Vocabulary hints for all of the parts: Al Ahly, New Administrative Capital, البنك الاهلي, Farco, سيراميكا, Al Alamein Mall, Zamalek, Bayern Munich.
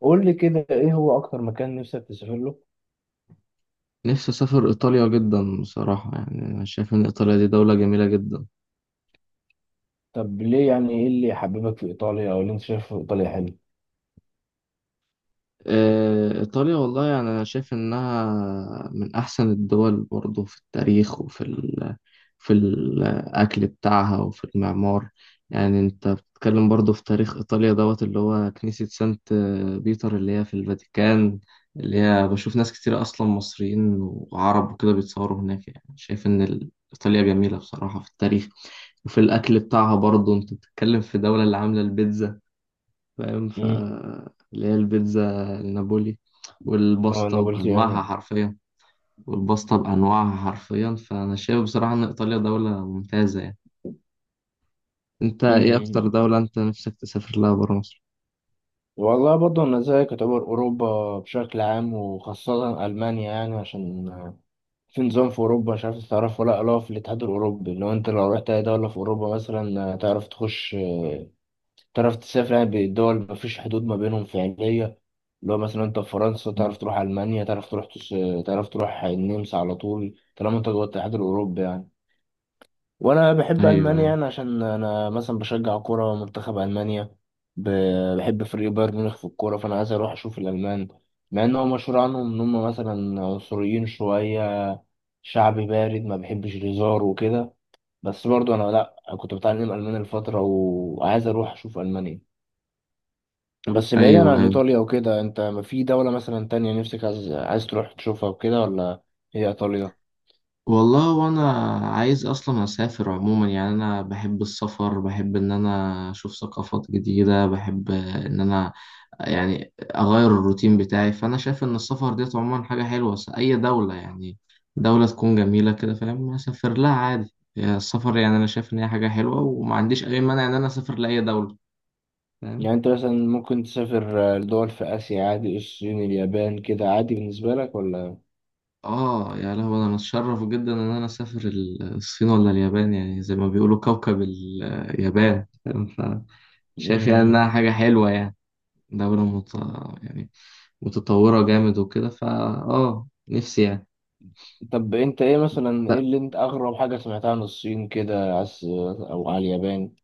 قول لي كده، ايه هو اكتر مكان نفسك تسافر له؟ نفسي أسافر إيطاليا جدا بصراحة يعني أنا شايف إن إيطاليا دي دولة جميلة جدا. طب ليه؟ يعني ايه اللي حببك في ايطاليا او اللي انت شايفه في ايطاليا حلو؟ إيطاليا والله يعني أنا شايف إنها من أحسن الدول برضه في التاريخ وفي ال في الأكل بتاعها وفي المعمار. يعني أنت بتتكلم برضو في تاريخ إيطاليا دوت، اللي هو كنيسة سانت بيتر اللي هي في الفاتيكان، اللي هي بشوف ناس كتير أصلا مصريين وعرب وكده بيتصوروا هناك. يعني شايف إن إيطاليا جميلة بصراحة في التاريخ وفي الأكل بتاعها. برضو أنت بتتكلم في دولة اللي عاملة البيتزا، فاهم؟ امم اللي هي البيتزا النابولي، اه، والباستا نابولتيانو. بأنواعها حرفيا والباستا بأنواعها حرفيا فأنا شايف بصراحة إن إيطاليا دولة ممتازة يعني. أنت إيه أكتر امم دولة أنت نفسك تسافر لها برا مصر؟ والله برضه انا زيك، يعتبر اوروبا بشكل عام وخاصه المانيا، يعني عشان في نظام في اوروبا، مش عارف تعرف ولا لا، اللي هو في الاتحاد الاوروبي. لو رحت اي دوله في اوروبا مثلا تعرف تخش، تعرف تسافر، يعني بالدول مفيش حدود ما بينهم فعلية. اللي هو مثلا انت في فرنسا مم. تعرف تروح ألمانيا، تعرف تروح تعرف تروح النمسا على طول طالما انت جوه الاتحاد الأوروبي يعني. وأنا بحب أيوه، ألمانيا أيوه، يعني عشان أنا مثلا بشجع كورة منتخب ألمانيا. ب... بحب فريق بايرن ميونخ في الكورة، فأنا عايز أروح أشوف الألمان، مع إن هو مشهور عنهم إن هم مثلا عنصريين شوية، شعب بارد ما بيحبش الهزار وكده. بس برضه أنا لأ، كنت بتعلم ألماني الفترة وعايز أروح أشوف ألمانيا. بس بعيدا أيوه، عن أيوه، ايطاليا وكده، انت ما في دولة مثلا تانية نفسك عايز تروح تشوفها وكده ولا هي ايطاليا؟ والله وانا عايز اصلا اسافر عموما. يعني انا بحب السفر، بحب ان انا اشوف ثقافات جديدة، بحب ان انا يعني اغير الروتين بتاعي. فانا شايف ان السفر ديت عموما حاجة حلوة. اي دولة يعني دولة تكون جميلة كده، فاهم، اسافر لها عادي. يعني السفر يعني انا شايف ان هي حاجة حلوة، وما عنديش اي مانع ان انا اسافر لاي دولة، فاهم. يعني انت مثلا ممكن تسافر لدول في اسيا عادي، الصين، اليابان، كده عادي بالنسبة لك ولا؟ اه، يا لهوي، انا اتشرف جدا ان انا اسافر الصين ولا اليابان. يعني زي ما بيقولوا كوكب اليابان، فاهم؟ شايف يعني انها مم. حاجة حلوة يعني. دولة يعني متطورة جامد وكده. فا اه نفسي يعني. طب انت ايه مثلا، ايه لا، اللي انت اغرب حاجة سمعتها عن الصين كده او على اليابان؟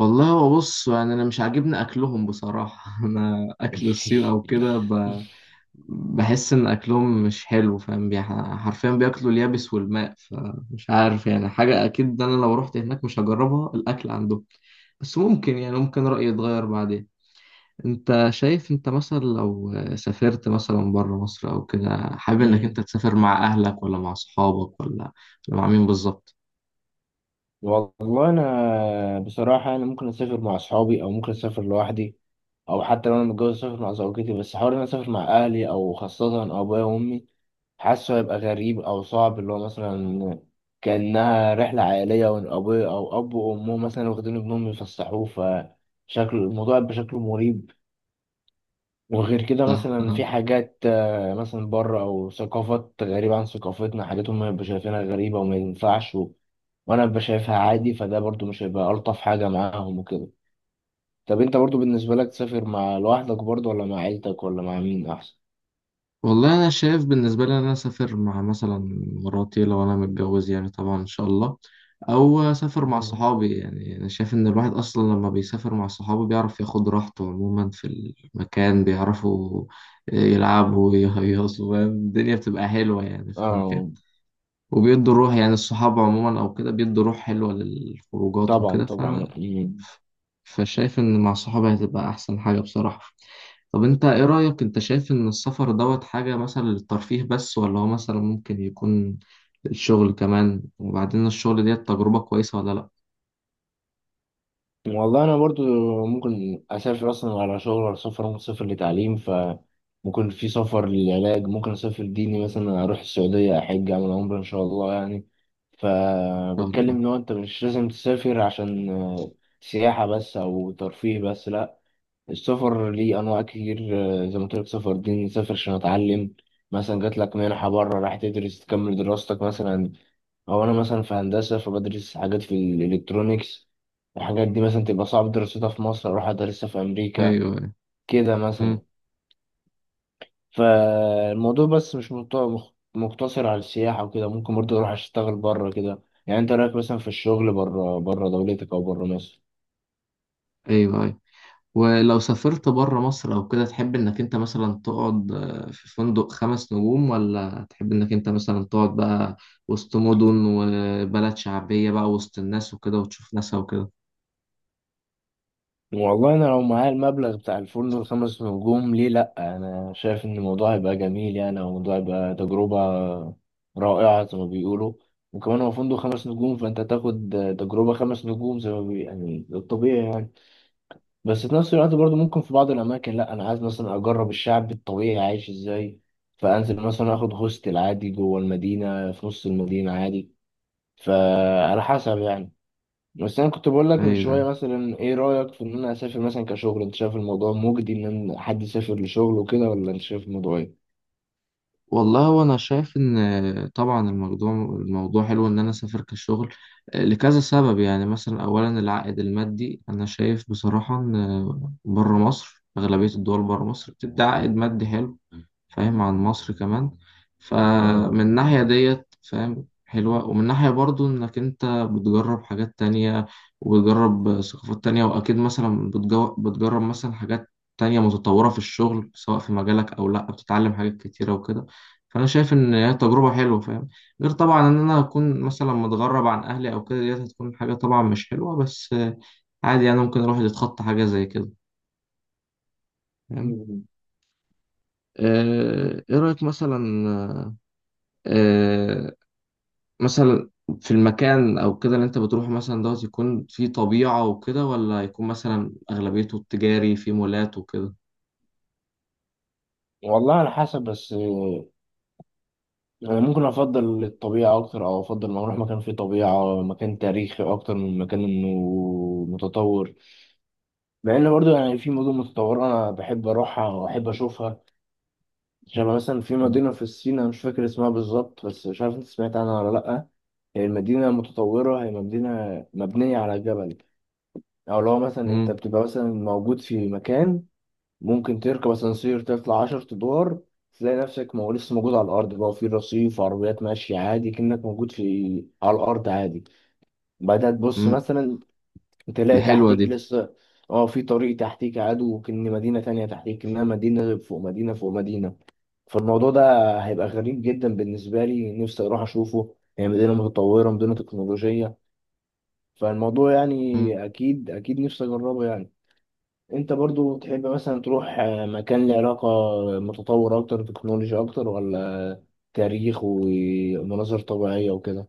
والله هو بص، يعني انا مش عاجبني اكلهم بصراحة. انا اكل الصين او كده بحس ان اكلهم مش حلو، فاهم، حرفيا بياكلوا اليابس والماء. فمش عارف يعني، حاجة اكيد ده انا لو رحت هناك مش هجربها الاكل عندهم. بس ممكن يعني ممكن رأيي يتغير بعدين. انت شايف انت مثلا لو سافرت مثلا بره مصر او كده، حابب انك مم. انت تسافر مع اهلك ولا مع صحابك ولا مع مين بالظبط؟ والله انا بصراحه، انا ممكن اسافر مع اصحابي او ممكن اسافر لوحدي، او حتى لو انا متجوز اسافر مع زوجتي. بس حوار إن انا اسافر مع اهلي او خاصه ابويا وامي، حاسه هيبقى غريب او صعب. اللي هو مثلا كانها رحله عائليه، وان ابويا او اب وامه مثلا واخدين ابنهم يفسحوه، فشكل الموضوع يبقى شكله مريب. وغير كده مثلا ف- في حاجات مثلا بره، او ثقافات غريبه عن ثقافتنا، حاجات هم يبقوا شايفينها غريبه وما ينفعش، وانا ببقى شايفها عادي، فده برضو مش هيبقى الطف حاجه معاهم وكده. طب انت برضو بالنسبه لك، تسافر مع لوحدك برضو ولا مع عيلتك ولا مع مين احسن؟ والله انا شايف بالنسبه لي ان انا اسافر مع مثلا مراتي لو انا متجوز يعني، طبعا ان شاء الله، او اسافر مع صحابي. يعني انا شايف ان الواحد اصلا لما بيسافر مع صحابه بيعرف ياخد راحته عموما في المكان، بيعرفوا يلعبوا ويهيصوا، فاهم؟ الدنيا بتبقى حلوه يعني في المكان. اه، وبيدوا روح، يعني الصحاب عموما أو كده بيدوا روح حلوة للخروجات طبعا وكده. طبعا. مم. فشايف إن مع صحابي هتبقى أحسن حاجة بصراحة. طب أنت إيه رأيك، أنت شايف إن السفر دوت حاجة مثلا للترفيه بس، ولا هو مثلا ممكن يكون للشغل كمان؟ وبعدين الشغل ديت تجربة كويسة ولا لأ؟ إن والله انا برضو، ممكن اسافر اصلا على شغل، ولا سفر، ممكن اسافر لتعليم، ف ممكن في سفر للعلاج، ممكن اسافر ديني مثلا اروح السعوديه احج اعمل عمره ان شاء الله يعني. شاء فبتكلم الله. ان هو انت مش لازم تسافر عشان سياحه بس او ترفيه بس، لا، السفر ليه انواع كتير. زي ما قلت لك، سفر دين، نسافر عشان اتعلم مثلا، جات لك منحه بره راح تدرس تكمل دراستك مثلا، او انا مثلا في هندسه فبدرس حاجات في الالكترونيكس، الحاجات دي مثلا تبقى صعب دراستها في مصر اروح ادرسها في امريكا أيوه، أيوه. كده أمم. مثلا. فالموضوع بس مش مقتصر على السياحه وكده، ممكن برضه اروح اشتغل بره كده. يعني انت رايك مثلا في الشغل بره دولتك او بره مصر؟ أيوه. ولو سافرت بره مصر او كده، تحب انك انت مثلا تقعد في فندق خمس نجوم، ولا تحب انك انت مثلا تقعد بقى وسط مدن وبلد شعبية بقى وسط الناس وكده وتشوف ناسها وكده؟ والله انا لو معايا المبلغ بتاع الفندق الخمس نجوم، ليه لا، انا شايف ان الموضوع هيبقى جميل يعني، او الموضوع هيبقى تجربة رائعة زي ما بيقولوا. وكمان هو فندق خمس نجوم فانت هتاخد تجربة خمس نجوم زي ما يعني الطبيعي يعني. بس في نفس الوقت برضو ممكن في بعض الاماكن لا، انا عايز مثلا اجرب الشعب الطبيعي عايش ازاي، فانزل مثلا اخد هوستل عادي جوه المدينة في نص المدينة عادي، فعلى حسب يعني. بس انا كنت بقول لك من ايوه. شويه، مثلا ايه رايك في ان انا اسافر مثلا كشغل؟ انت شايف الموضوع مجدي ان حد يسافر لشغل وكده، ولا انت شايف الموضوع ايه؟ والله وانا شايف ان طبعا الموضوع حلو ان انا اسافر كشغل، لكذا سبب. يعني مثلا اولا العائد المادي، انا شايف بصراحة ان بره مصر اغلبية الدول بره مصر بتدي عائد مادي حلو، فاهم، عن مصر كمان. اه. فمن الناحية ديت فاهم حلوة، ومن ناحية برضو إنك أنت بتجرب حاجات تانية وبتجرب ثقافات تانية. وأكيد مثلا بتجرب مثلا حاجات تانية متطورة في الشغل، سواء في مجالك أو لأ، بتتعلم حاجات كتيرة وكده. فأنا شايف إن هي تجربة حلوة، فاهم. غير طبعا إن أنا أكون مثلا متغرب عن أهلي أو كده، ديت هتكون حاجة طبعا مش حلوة، بس عادي يعني، ممكن الواحد يتخطى حاجة زي كده، فاهم. مم. إيه رأيك آه، مثلا في المكان او كده اللي انت بتروحه مثلا دوت، يكون فيه طبيعة وكده، ولا يكون مثلا اغلبيته التجاري فيه مولات وكده؟ والله على حسب، بس انا ممكن افضل الطبيعه اكتر، او افضل ما اروح مكان فيه طبيعه، مكان تاريخي اكتر من مكان انه متطور. مع ان برضو يعني في مدن متطوره انا بحب اروحها واحب اشوفها. شبه مثلا في مدينة في الصين أنا مش فاكر اسمها بالظبط، بس مش عارف أنت سمعت عنها ولا لأ. هي المدينة متطورة، هي مدينة مبنية على جبل. أو لو مثلا أنت امم. بتبقى مثلا موجود في مكان، ممكن تركب أسانسير تطلع 10 أدوار، تلاقي نفسك مو لسه موجود على الأرض، بقى في رصيف عربيات ماشية عادي كأنك موجود في على الأرض عادي. بعدها تبص امم. مثلا تلاقي حلوة تحتيك دي. لسه، اه، في طريق تحتيك عدو كأن مدينة تانية تحتيك، إنها مدينة فوق مدينة فوق مدينة. فالموضوع ده هيبقى غريب جدا بالنسبة لي، نفسي أروح أشوفه، هي مدينة متطورة، مدينة تكنولوجية، فالموضوع يعني أكيد أكيد نفسي أجربه يعني. أنت برضو تحب مثلا تروح مكان له علاقة، متطور أكتر تكنولوجيا أكتر، ولا تاريخ ومناظر طبيعية وكده؟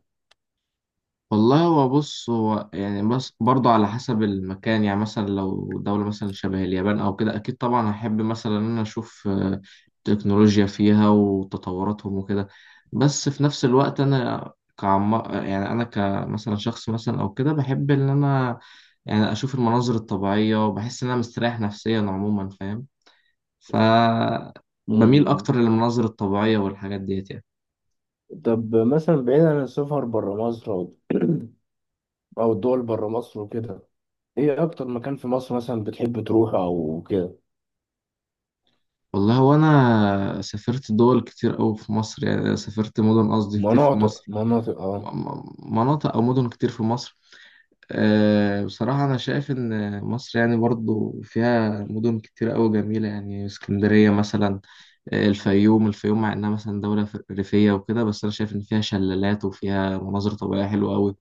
والله هو بص، هو يعني بس برضه على حسب المكان. يعني مثلا لو دولة مثلا شبه اليابان أو كده أكيد طبعا هحب مثلا إن أنا أشوف تكنولوجيا فيها وتطوراتهم وكده. بس في نفس الوقت أنا كعم، يعني أنا كمثلا شخص مثلا أو كده بحب إن أنا يعني أشوف المناظر الطبيعية وبحس إن أنا مستريح نفسيا عموما، فاهم. ف بميل مم. أكتر للمناظر الطبيعية والحاجات ديت يعني. طب مثلا بعيد عن السفر برا مصر، أو الدول برا مصر وكده، إيه أكتر مكان في مصر مثلا بتحب تروحه أو كده؟ والله هو انا سافرت دول كتير قوي في مصر، يعني سافرت مدن، قصدي كتير في مناطق مصر، مناطق أه. مناطق او مدن كتير في مصر. أه، بصراحة انا شايف ان مصر يعني برضو فيها مدن كتير قوي جميلة. يعني اسكندرية مثلا، الفيوم، الفيوم مع انها مثلا دولة ريفية وكده، بس انا شايف ان فيها شلالات وفيها مناظر طبيعية حلوة قوي.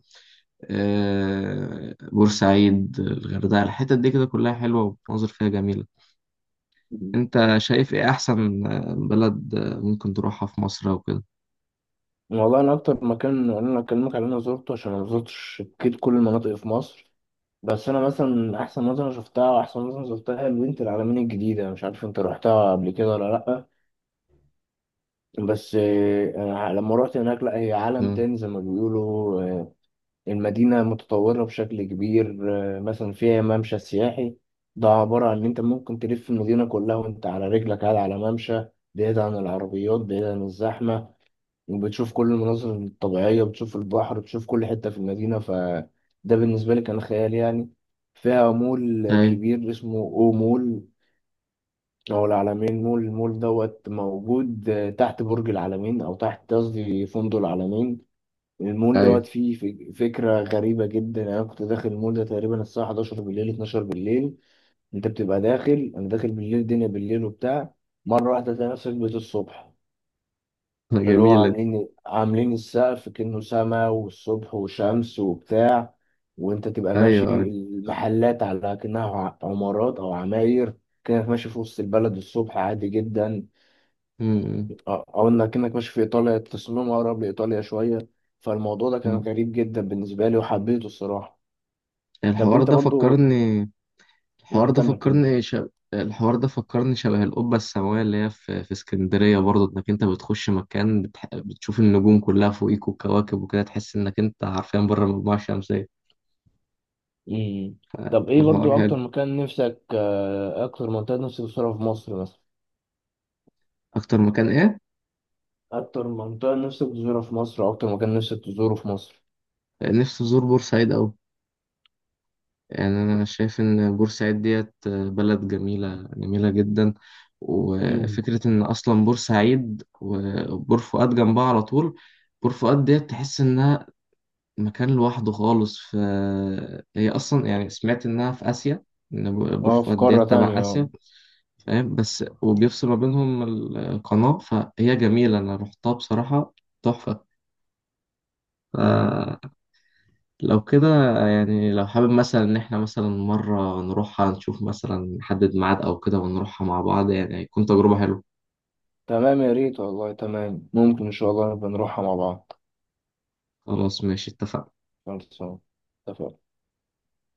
أه، بورسعيد، الغردقة، الحتت دي كده كلها حلوة ومناظر فيها جميلة. انت شايف ايه احسن بلد ممكن تروحها في مصر او كده؟ والله انا اكتر مكان انا اكلمك على اللي انا زرته عشان انا ما زرتش اكيد كل المناطق في مصر. بس انا مثلا احسن منطقه شفتها واحسن منطقه زرتها هي بنت العلمين الجديده، مش عارف انت روحتها قبل كده ولا لا. بس أنا لما روحت هناك، لا هي عالم مم. تاني زي ما بيقولوا. المدينه متطوره بشكل كبير. مثلا فيها ممشى سياحي، ده عباره عن ان انت ممكن تلف المدينه كلها وانت على رجلك، قاعد على ممشى بعيد عن العربيات بعيد عن الزحمه، وبتشوف كل المناظر الطبيعية، بتشوف البحر، بتشوف كل حتة في المدينة، فده بالنسبة لي كان خيال يعني. فيها مول ايوه، كبير اسمه او مول او العلمين مول، المول دوت موجود تحت برج العلمين، او تحت قصدي فندق العلمين. المول دوت ايوه. فيه فكرة غريبة جدا. انا كنت داخل المول ده تقريبا الساعة 11 بالليل، 12 بالليل. انت بتبقى داخل انا داخل بالليل الدنيا بالليل وبتاع، مرة واحدة تلاقي نفسك بقيت الصبح. اللي هو جميلة. عاملين السقف كأنه سما والصبح وشمس وبتاع، وانت تبقى ايوه، ماشي ايوه. المحلات على كأنها عمارات او عماير، كأنك ماشي في وسط البلد الصبح عادي جدا. مم. اه، او انك كأنك ماشي في ايطاليا، التصميم اقرب لايطاليا شوية. فالموضوع ده كان مم. غريب جدا بالنسبة لي وحبيته الصراحة. طب الحوار انت ده برضو. فكرني الحوار ده كمل كمل. فكرني ش... الحوار ده فكرني شبه القبة السماوية اللي هي في اسكندرية. برضه انك انت بتخش مكان بتشوف النجوم كلها فوقيك والكواكب وكده، تحس انك انت حرفيا بره المجموعة الشمسية. مم. طب ايه الحوار برضو حلو. اكتر منطقة نفسك تزورها في مصر مثلا؟ اكتر مكان ايه؟ أكتر منطقة نفسك تزورها في مصر أو أكتر مكان نفسك تزوره في مصر؟ نفسي ازور بورسعيد اوي. يعني أنا شايف إن بورسعيد ديت بلد جميلة جميلة جدا. مم. وفكرة إن أصلا بورسعيد وبور فؤاد جنبها على طول، بور فؤاد ديت تحس إنها مكان لوحده خالص. هي أصلا يعني سمعت إنها في آسيا، إن بور أه، في فؤاد قارة ديت تبع تانية، آسيا، أه. فاهم. بس وبيفصل ما بينهم القناة، فهي جميلة، أنا رحتها بصراحة تحفة. ف... مم. لو كده يعني، لو حابب مثلا إن إحنا مثلا مرة نروحها، نشوف مثلا نحدد ميعاد أو كده، ونروحها مع بعض، يعني هيكون تجربة حلوة. تمام يا ريت والله، تمام، ممكن إن شاء الله نبقى نروحها مع بعض. خلاص، ماشي، اتفقنا. خلصان. اتفقنا.